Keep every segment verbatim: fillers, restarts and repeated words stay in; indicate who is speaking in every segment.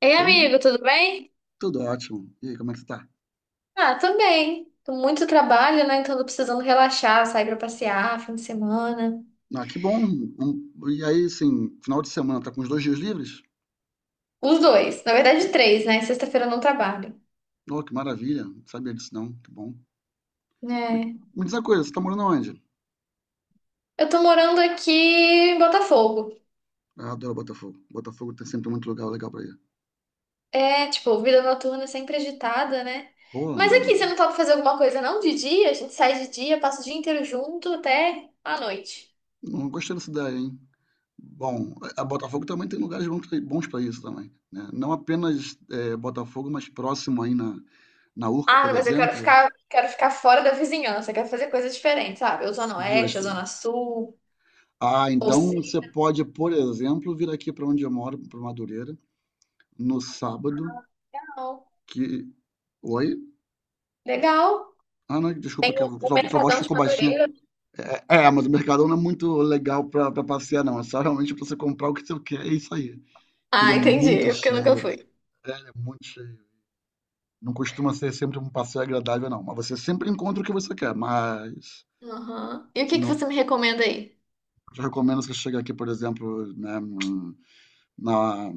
Speaker 1: Ei,
Speaker 2: Oi,
Speaker 1: amigo, tudo bem?
Speaker 2: tudo ótimo. E aí, como é que você tá?
Speaker 1: Ah, tô bem. Tô muito trabalho, né? Então tô precisando relaxar, sair pra passear, fim de semana.
Speaker 2: Ah, que bom. Um- e aí, assim, final de semana, tá com os dois dias livres?
Speaker 1: Os dois, na verdade três, né? Sexta-feira eu não trabalho.
Speaker 2: Oh, que maravilha. Não sabia disso não, que bom.
Speaker 1: É.
Speaker 2: Me diz uma coisa, você tá morando onde?
Speaker 1: Eu tô morando aqui em Botafogo.
Speaker 2: Ah, Eu adoro Botafogo. Botafogo tem sempre muito lugar legal pra ir.
Speaker 1: É, tipo, vida noturna sempre agitada, né?
Speaker 2: Pô,
Speaker 1: Mas aqui, você
Speaker 2: não,
Speaker 1: não topa fazer alguma coisa, não? De dia? A gente sai de dia, passa o dia inteiro junto até a noite.
Speaker 2: não gostei dessa ideia, hein? Bom, a a Botafogo também tem lugares bons pra bons pra isso também, né? Não apenas eh, Botafogo, mas próximo aí na, na Urca, por
Speaker 1: Ah, mas eu quero
Speaker 2: exemplo.
Speaker 1: ficar, quero ficar fora da vizinhança, quero fazer coisas diferentes, sabe? Ou Zona Oeste, ou
Speaker 2: Justo.
Speaker 1: Zona Sul,
Speaker 2: Ah,
Speaker 1: ou
Speaker 2: então
Speaker 1: sei,
Speaker 2: você pode, por exemplo, vir aqui para onde eu moro, para Madureira, no sábado
Speaker 1: não.
Speaker 2: que. Oi?
Speaker 1: Legal.
Speaker 2: Ah, não, desculpa, que a
Speaker 1: O o
Speaker 2: sua, sua voz
Speaker 1: Mercadão de
Speaker 2: ficou baixinha.
Speaker 1: Madureira.
Speaker 2: É, é, é, mas o Mercadão não é muito legal pra, pra passear, não. É só realmente pra você comprar o que você quer, é isso aí. Porque ele é
Speaker 1: Ah, entendi.
Speaker 2: muito
Speaker 1: É, porque eu nunca
Speaker 2: cheio.
Speaker 1: fui.
Speaker 2: É, ele é muito cheio. Não costuma ser sempre um passeio agradável, não. Mas você sempre encontra o que você quer, mas.
Speaker 1: Aham. E o que que
Speaker 2: Não,
Speaker 1: você me recomenda aí?
Speaker 2: eu recomendo você chegar aqui, por exemplo, né, hum, na,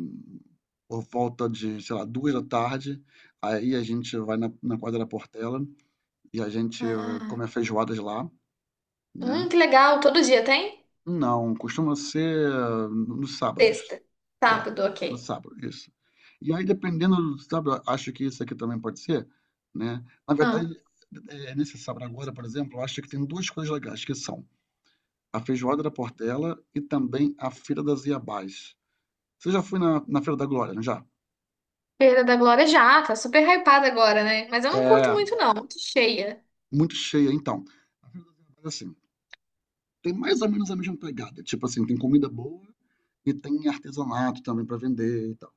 Speaker 2: por volta de, sei lá, duas da tarde. Aí a gente vai na, na quadra da Portela e a gente eh,
Speaker 1: Ah,
Speaker 2: come a feijoada de lá. Né.
Speaker 1: hum, que legal. Todo dia tem?
Speaker 2: Não, costuma ser eh, nos sábados.
Speaker 1: Sexta.
Speaker 2: É,
Speaker 1: Sábado, ok.
Speaker 2: no sábado, isso. E aí dependendo, do sábado acho que isso aqui também pode ser, né. Na verdade,
Speaker 1: Ah,
Speaker 2: eh, nesse sábado agora, por exemplo, eu acho que tem duas coisas legais, que são a feijoada da Portela e também a feira das Iabás. Você já foi na na Feira da Glória, não já?
Speaker 1: Feira da Glória já, tá super hypada agora, né? Mas eu não curto
Speaker 2: É,
Speaker 1: muito, não. Muito cheia.
Speaker 2: muito cheia então. Mas assim, tem mais ou menos a mesma pegada, tipo assim, tem comida boa e tem artesanato também para vender e tal.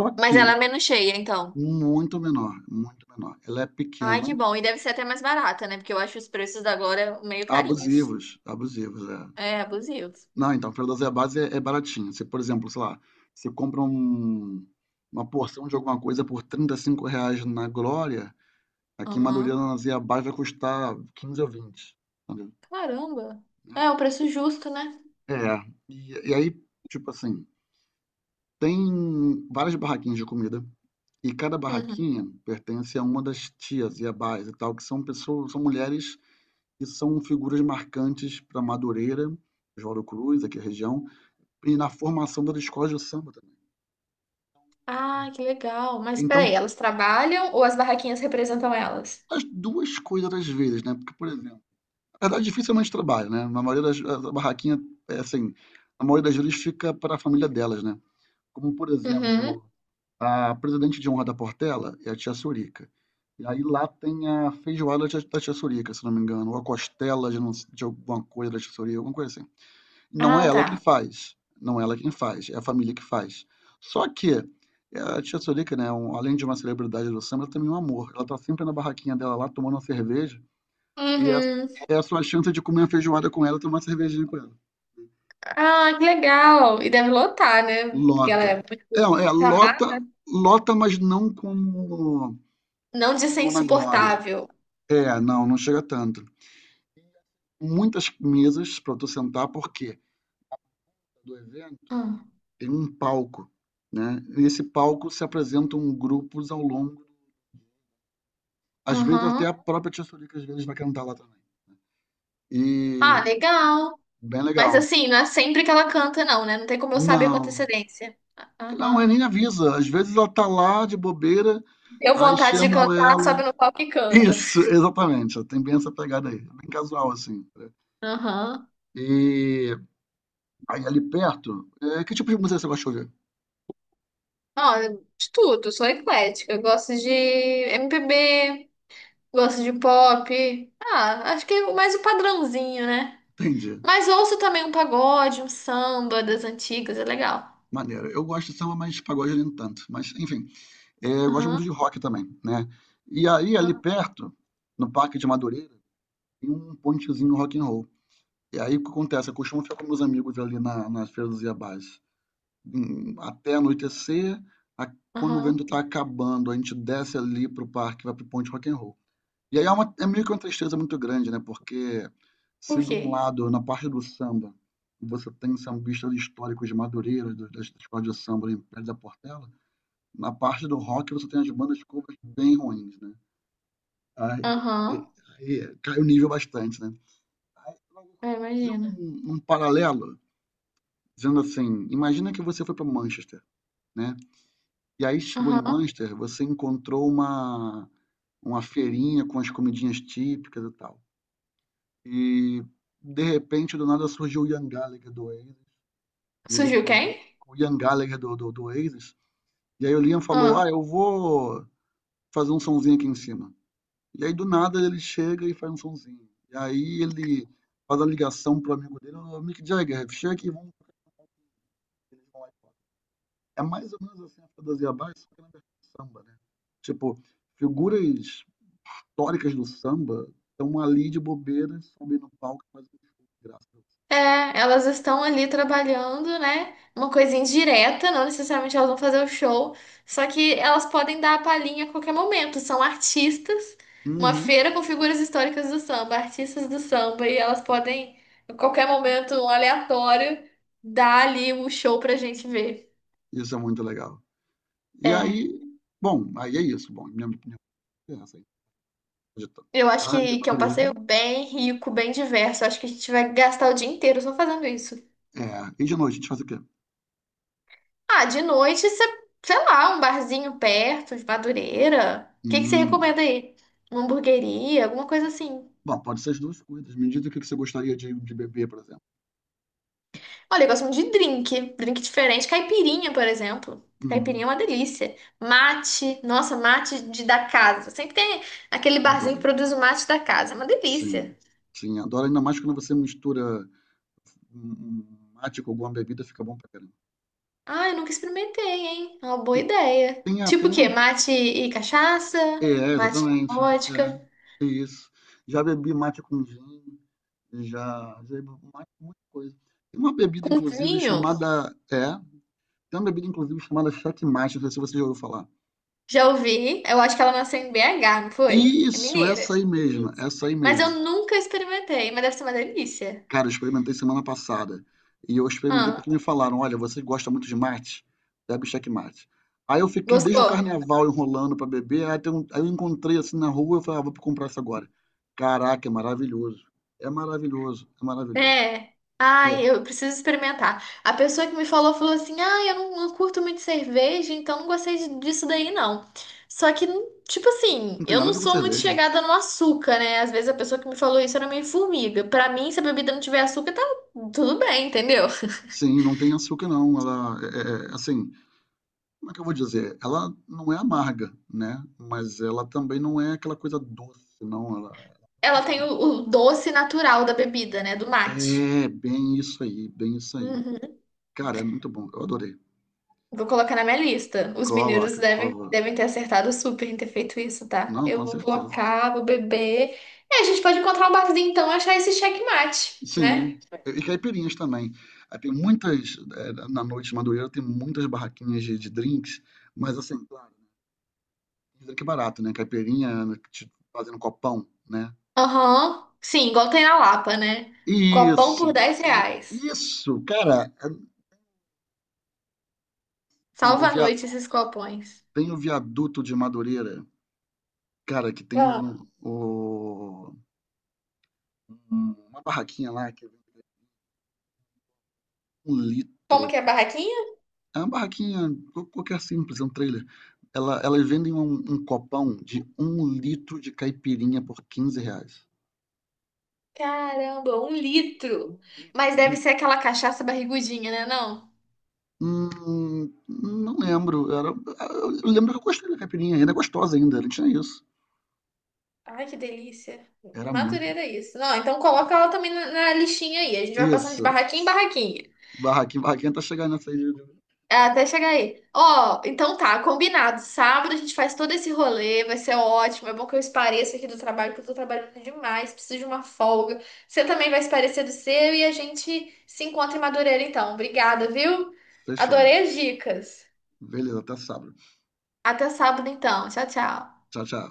Speaker 2: Só
Speaker 1: Mas ela
Speaker 2: que
Speaker 1: é menos cheia, então.
Speaker 2: muito menor, muito menor. Ela é
Speaker 1: Ai,
Speaker 2: pequena,
Speaker 1: que bom. E deve ser até mais barata, né? Porque eu acho os preços da Glória meio carinhos.
Speaker 2: abusivos, abusivos, é.
Speaker 1: É, abusivos.
Speaker 2: Não, então, para dosar a base é, é baratinho. Se por exemplo, sei lá, você compra um- uma porção de alguma coisa por trinta e cinco reais na Glória, aqui em Madureira,
Speaker 1: Aham.
Speaker 2: na dose a base vai custar quinze ou vinte. Entendeu?
Speaker 1: Caramba. É, o preço justo, né?
Speaker 2: É, é. e, e aí, tipo assim, tem várias barraquinhas de comida, e cada
Speaker 1: Uhum.
Speaker 2: barraquinha pertence a uma das tias e abás e tal, que são pessoas, são mulheres que são figuras marcantes para Madureira, Oswaldo Cruz, aqui a região, e na formação das escolas de samba também.
Speaker 1: Ah, que legal. Mas
Speaker 2: Então,
Speaker 1: peraí, elas trabalham ou as barraquinhas representam elas?
Speaker 2: as duas coisas às vezes, né? Porque, por exemplo, na verdade, dificilmente trabalha, né? Na maioria das A barraquinha, é assim, a maioria das vezes fica para a família delas, né? Como, por
Speaker 1: Uhum.
Speaker 2: exemplo, a presidente de honra da Portela é a tia Sorica. E aí lá tem a feijoada da tia Sorica, se não me engano, ou a costela de, não- de alguma coisa da tia Sorica, alguma coisa assim. Não é
Speaker 1: Ah,
Speaker 2: ela
Speaker 1: tá.
Speaker 2: que faz, não é ela quem faz, é a família que faz. Só que eh, a tia Sorica, né, um- além de uma celebridade do samba, ela também é um amor. Ela tá sempre na barraquinha dela lá, tomando uma cerveja, e essa
Speaker 1: Uhum.
Speaker 2: é a sua chance de comer uma feijoada com ela, e tomar uma cervejinha com ela.
Speaker 1: Ah, que legal. E deve lotar, né? Porque ela
Speaker 2: Lota.
Speaker 1: é
Speaker 2: É,
Speaker 1: muito
Speaker 2: é lota,
Speaker 1: amada.
Speaker 2: lota, mas não como
Speaker 1: Não de ser
Speaker 2: como na glória.
Speaker 1: insuportável.
Speaker 2: É, não, não chega tanto. Muitas mesas para tu sentar, porque do evento
Speaker 1: Hum.
Speaker 2: tem um palco, né? Nesse palco se apresentam grupos ao longo. Às vezes até
Speaker 1: Uhum.
Speaker 2: a própria Tia Sônica às vezes vai cantar lá também. E
Speaker 1: Ah, legal.
Speaker 2: bem
Speaker 1: Mas
Speaker 2: legal.
Speaker 1: assim, não é sempre que ela canta, não, né? Não tem como eu saber com
Speaker 2: Não,
Speaker 1: antecedência.
Speaker 2: não,
Speaker 1: Aham.
Speaker 2: ele nem avisa. Às vezes ela tá lá de bobeira,
Speaker 1: Deu
Speaker 2: aí
Speaker 1: vontade de
Speaker 2: chamam
Speaker 1: cantar,
Speaker 2: ela.
Speaker 1: sobe no palco e canta.
Speaker 2: Isso, exatamente. Tem bem essa pegada aí. Bem casual, assim.
Speaker 1: Aham.
Speaker 2: E aí ali perto, é, que tipo de música você gosta de ouvir?
Speaker 1: Ah, de tudo, sou eclética. Eu gosto de M P B, gosto de pop. Ah, acho que é mais o padrãozinho, né?
Speaker 2: Entendi.
Speaker 1: Mas ouço também um pagode, um samba das antigas, é legal.
Speaker 2: Maneiro. Eu gosto de samba, mas pagode nem tanto. Mas, enfim, é, eu gosto muito
Speaker 1: Aham,
Speaker 2: de rock também, né? E aí, ali
Speaker 1: aham,
Speaker 2: perto, no Parque de Madureira, tem um pontezinho rock and roll. E aí o que acontece? Eu costumo ficar com meus amigos ali na, na Feira do Zé Bás, hum, até anoitecer, a- quando o vento
Speaker 1: aham.
Speaker 2: tá acabando, a gente desce ali pro parque, vai pro Ponte Rock and Roll. E aí é, uma, é meio que uma tristeza muito grande, né? Porque se
Speaker 1: Por
Speaker 2: de
Speaker 1: quê?
Speaker 2: um lado, na parte do samba, você tem sambistas históricos de Madureira, do- das escolas de samba em Pé da Portela, na parte do rock você tem as bandas covers bem ruins, né? Aí,
Speaker 1: Aham,
Speaker 2: aí cai o nível bastante, né?
Speaker 1: eu
Speaker 2: Fazer
Speaker 1: imagino.
Speaker 2: um, um paralelo, dizendo assim: imagina que você foi para Manchester, né? E aí chegou em
Speaker 1: Aham.
Speaker 2: Manchester, você encontrou uma, uma feirinha com as comidinhas típicas e tal. E de repente, do nada surgiu o Ian Gallagher do Oasis, e ele
Speaker 1: Surgiu
Speaker 2: falou,
Speaker 1: quem?
Speaker 2: o Ian Gallagher do, do, do Oasis, e aí o Liam falou:
Speaker 1: Ah.
Speaker 2: ah, eu vou fazer um sonzinho aqui em cima. E aí do nada ele chega e faz um sonzinho. E aí ele faz a ligação pro amigo dele, o Mick Jagger, chega aqui, vamos. É mais ou menos assim a Fedosia Abaixo, só que na versão samba, né? Tipo, figuras históricas do samba estão ali de bobeira, sobem no palco e fazem um show de graça.
Speaker 1: É, elas estão ali trabalhando, né? Uma coisa indireta, não necessariamente elas vão fazer o show, só que elas podem dar a palhinha a qualquer momento. São artistas, uma
Speaker 2: Uhum,
Speaker 1: feira com figuras históricas do samba, artistas do samba, e elas podem, a qualquer momento, um aleatório, dar ali o show pra gente ver.
Speaker 2: isso é muito legal. E
Speaker 1: É,
Speaker 2: aí, bom, aí é isso. Bom, minha opinião é essa aí. De
Speaker 1: eu acho
Speaker 2: tarde,
Speaker 1: que, que é um passeio
Speaker 2: amadureira.
Speaker 1: bem rico, bem diverso. Eu acho que a gente vai gastar o dia inteiro só fazendo isso.
Speaker 2: É, e de noite, a gente faz o quê?
Speaker 1: Ah, de noite, cê- sei lá, um barzinho perto, de Madureira. O que que você
Speaker 2: Hum.
Speaker 1: recomenda aí? Uma hamburgueria, alguma coisa assim.
Speaker 2: Bom, pode ser as duas coisas. Me diz o que que você gostaria de, de beber, por exemplo.
Speaker 1: Olha, eu gosto muito de drink. Drink diferente. Caipirinha, por exemplo. Caipirinha
Speaker 2: Hum,
Speaker 1: é uma delícia. Mate. Nossa, mate de, da casa. Sempre tem aquele barzinho
Speaker 2: Adoro.
Speaker 1: que produz o mate da casa. É uma delícia.
Speaker 2: Sim, sim, adoro. Ainda mais quando você mistura um um mate com alguma bebida fica bom pra caramba.
Speaker 1: Ah, eu nunca experimentei, hein? É uma boa
Speaker 2: Tem,
Speaker 1: ideia.
Speaker 2: tem, a-
Speaker 1: Tipo
Speaker 2: tem
Speaker 1: o quê?
Speaker 2: uma.
Speaker 1: Mate e cachaça?
Speaker 2: É,
Speaker 1: Mate e
Speaker 2: exatamente. É,
Speaker 1: vodka?
Speaker 2: é isso. Já bebi mate com gin, já, já bebi um mate com muita coisa. Tem uma bebida, inclusive,
Speaker 1: Vinho?
Speaker 2: chamada. É, tem uma bebida, inclusive, chamada checkmate, não sei se você já ouviu falar.
Speaker 1: Já ouvi, eu acho que ela nasceu em B H, não foi? É
Speaker 2: Isso,
Speaker 1: mineira.
Speaker 2: essa
Speaker 1: Isso.
Speaker 2: aí mesmo, essa aí
Speaker 1: Mas eu
Speaker 2: mesmo.
Speaker 1: nunca experimentei, mas deve ser uma delícia.
Speaker 2: Cara, eu experimentei semana passada. E eu experimentei
Speaker 1: Ah,
Speaker 2: porque me falaram: olha, você gosta muito de mate? Bebe checkmate. Aí eu fiquei desde o
Speaker 1: gostou?
Speaker 2: carnaval enrolando pra beber. Aí, tem um- aí eu encontrei assim na rua. Eu falei: ah, vou comprar isso agora. Caraca, é maravilhoso. É maravilhoso. É maravilhoso.
Speaker 1: É.
Speaker 2: É,
Speaker 1: Ai, eu preciso experimentar. A pessoa que me falou falou assim: ah, eu não, não curto muito cerveja, então não gostei de- disso daí, não. Só que, tipo assim,
Speaker 2: não tem
Speaker 1: eu
Speaker 2: nada a
Speaker 1: não
Speaker 2: ver com
Speaker 1: sou muito
Speaker 2: cerveja.
Speaker 1: chegada no açúcar, né? Às vezes a pessoa que me falou isso era meio formiga. Pra mim, se a bebida não tiver açúcar, tá tudo bem, entendeu?
Speaker 2: Sim, não tem açúcar, não. Ela é, é, é, assim, como é que eu vou dizer? Ela não é amarga, né? Mas ela também não é aquela coisa doce, não. Ela
Speaker 1: Ela tem o, o doce natural da bebida, né? Do mate.
Speaker 2: é bem isso aí, bem isso aí.
Speaker 1: Uhum.
Speaker 2: Cara, é muito bom. Eu adorei.
Speaker 1: Vou colocar na minha lista. Os mineiros
Speaker 2: Coloca, por
Speaker 1: devem,
Speaker 2: favor.
Speaker 1: devem ter acertado super em ter feito isso, tá?
Speaker 2: Não,
Speaker 1: Eu
Speaker 2: com
Speaker 1: vou
Speaker 2: certeza.
Speaker 1: colocar, vou beber. É, a gente pode encontrar um barzinho então e achar esse checkmate, né?
Speaker 2: Sim. E caipirinhas também. Aí tem muitas, eh, na noite de Madureira, tem muitas barraquinhas de, de drinks, mas assim, claro, drink barato, né? Caipirinha, né, te fazendo copão, né?
Speaker 1: Aham. Sim, igual tem na Lapa, né? Copão
Speaker 2: Isso.
Speaker 1: por dez
Speaker 2: i-
Speaker 1: reais.
Speaker 2: Isso, cara. É- não, o
Speaker 1: Salva a
Speaker 2: via-
Speaker 1: noite esses copões.
Speaker 2: tem o viaduto de Madureira, cara, que tem
Speaker 1: Ah.
Speaker 2: o, o- uma barraquinha lá que vem um
Speaker 1: Como
Speaker 2: litro
Speaker 1: que é a barraquinha?
Speaker 2: É uma barraquinha qual- qualquer simples, é um trailer. Ela, elas vendem um, um copão de um litro de caipirinha por quinze reais.
Speaker 1: Caramba, um
Speaker 2: Um
Speaker 1: litro. Mas deve
Speaker 2: litro.
Speaker 1: ser aquela cachaça barrigudinha, né? Não?
Speaker 2: Hum, não lembro. Era, eu lembro que eu gostei da caipirinha, ainda é gostosa ainda, não tinha isso.
Speaker 1: Ai, que delícia.
Speaker 2: Era muito.
Speaker 1: Madureira é isso. Não, então coloca ela também na, na listinha aí. A gente vai passando de
Speaker 2: Isso.
Speaker 1: barraquinha em barraquinha.
Speaker 2: Barraquinha, barraquinha tá chegando nessa aí. de- de-
Speaker 1: É, até chegar aí. Ó, então tá, combinado. Sábado a gente faz todo esse rolê, vai ser ótimo. É bom que eu espareça aqui do trabalho, porque eu tô trabalhando demais, preciso de uma folga. Você também vai esparecer do seu e a gente se encontra em Madureira então. Obrigada, viu?
Speaker 2: Fechou.
Speaker 1: Adorei as dicas.
Speaker 2: Beleza, até sábado.
Speaker 1: Até sábado então. Tchau, tchau.
Speaker 2: Tchau, tchau.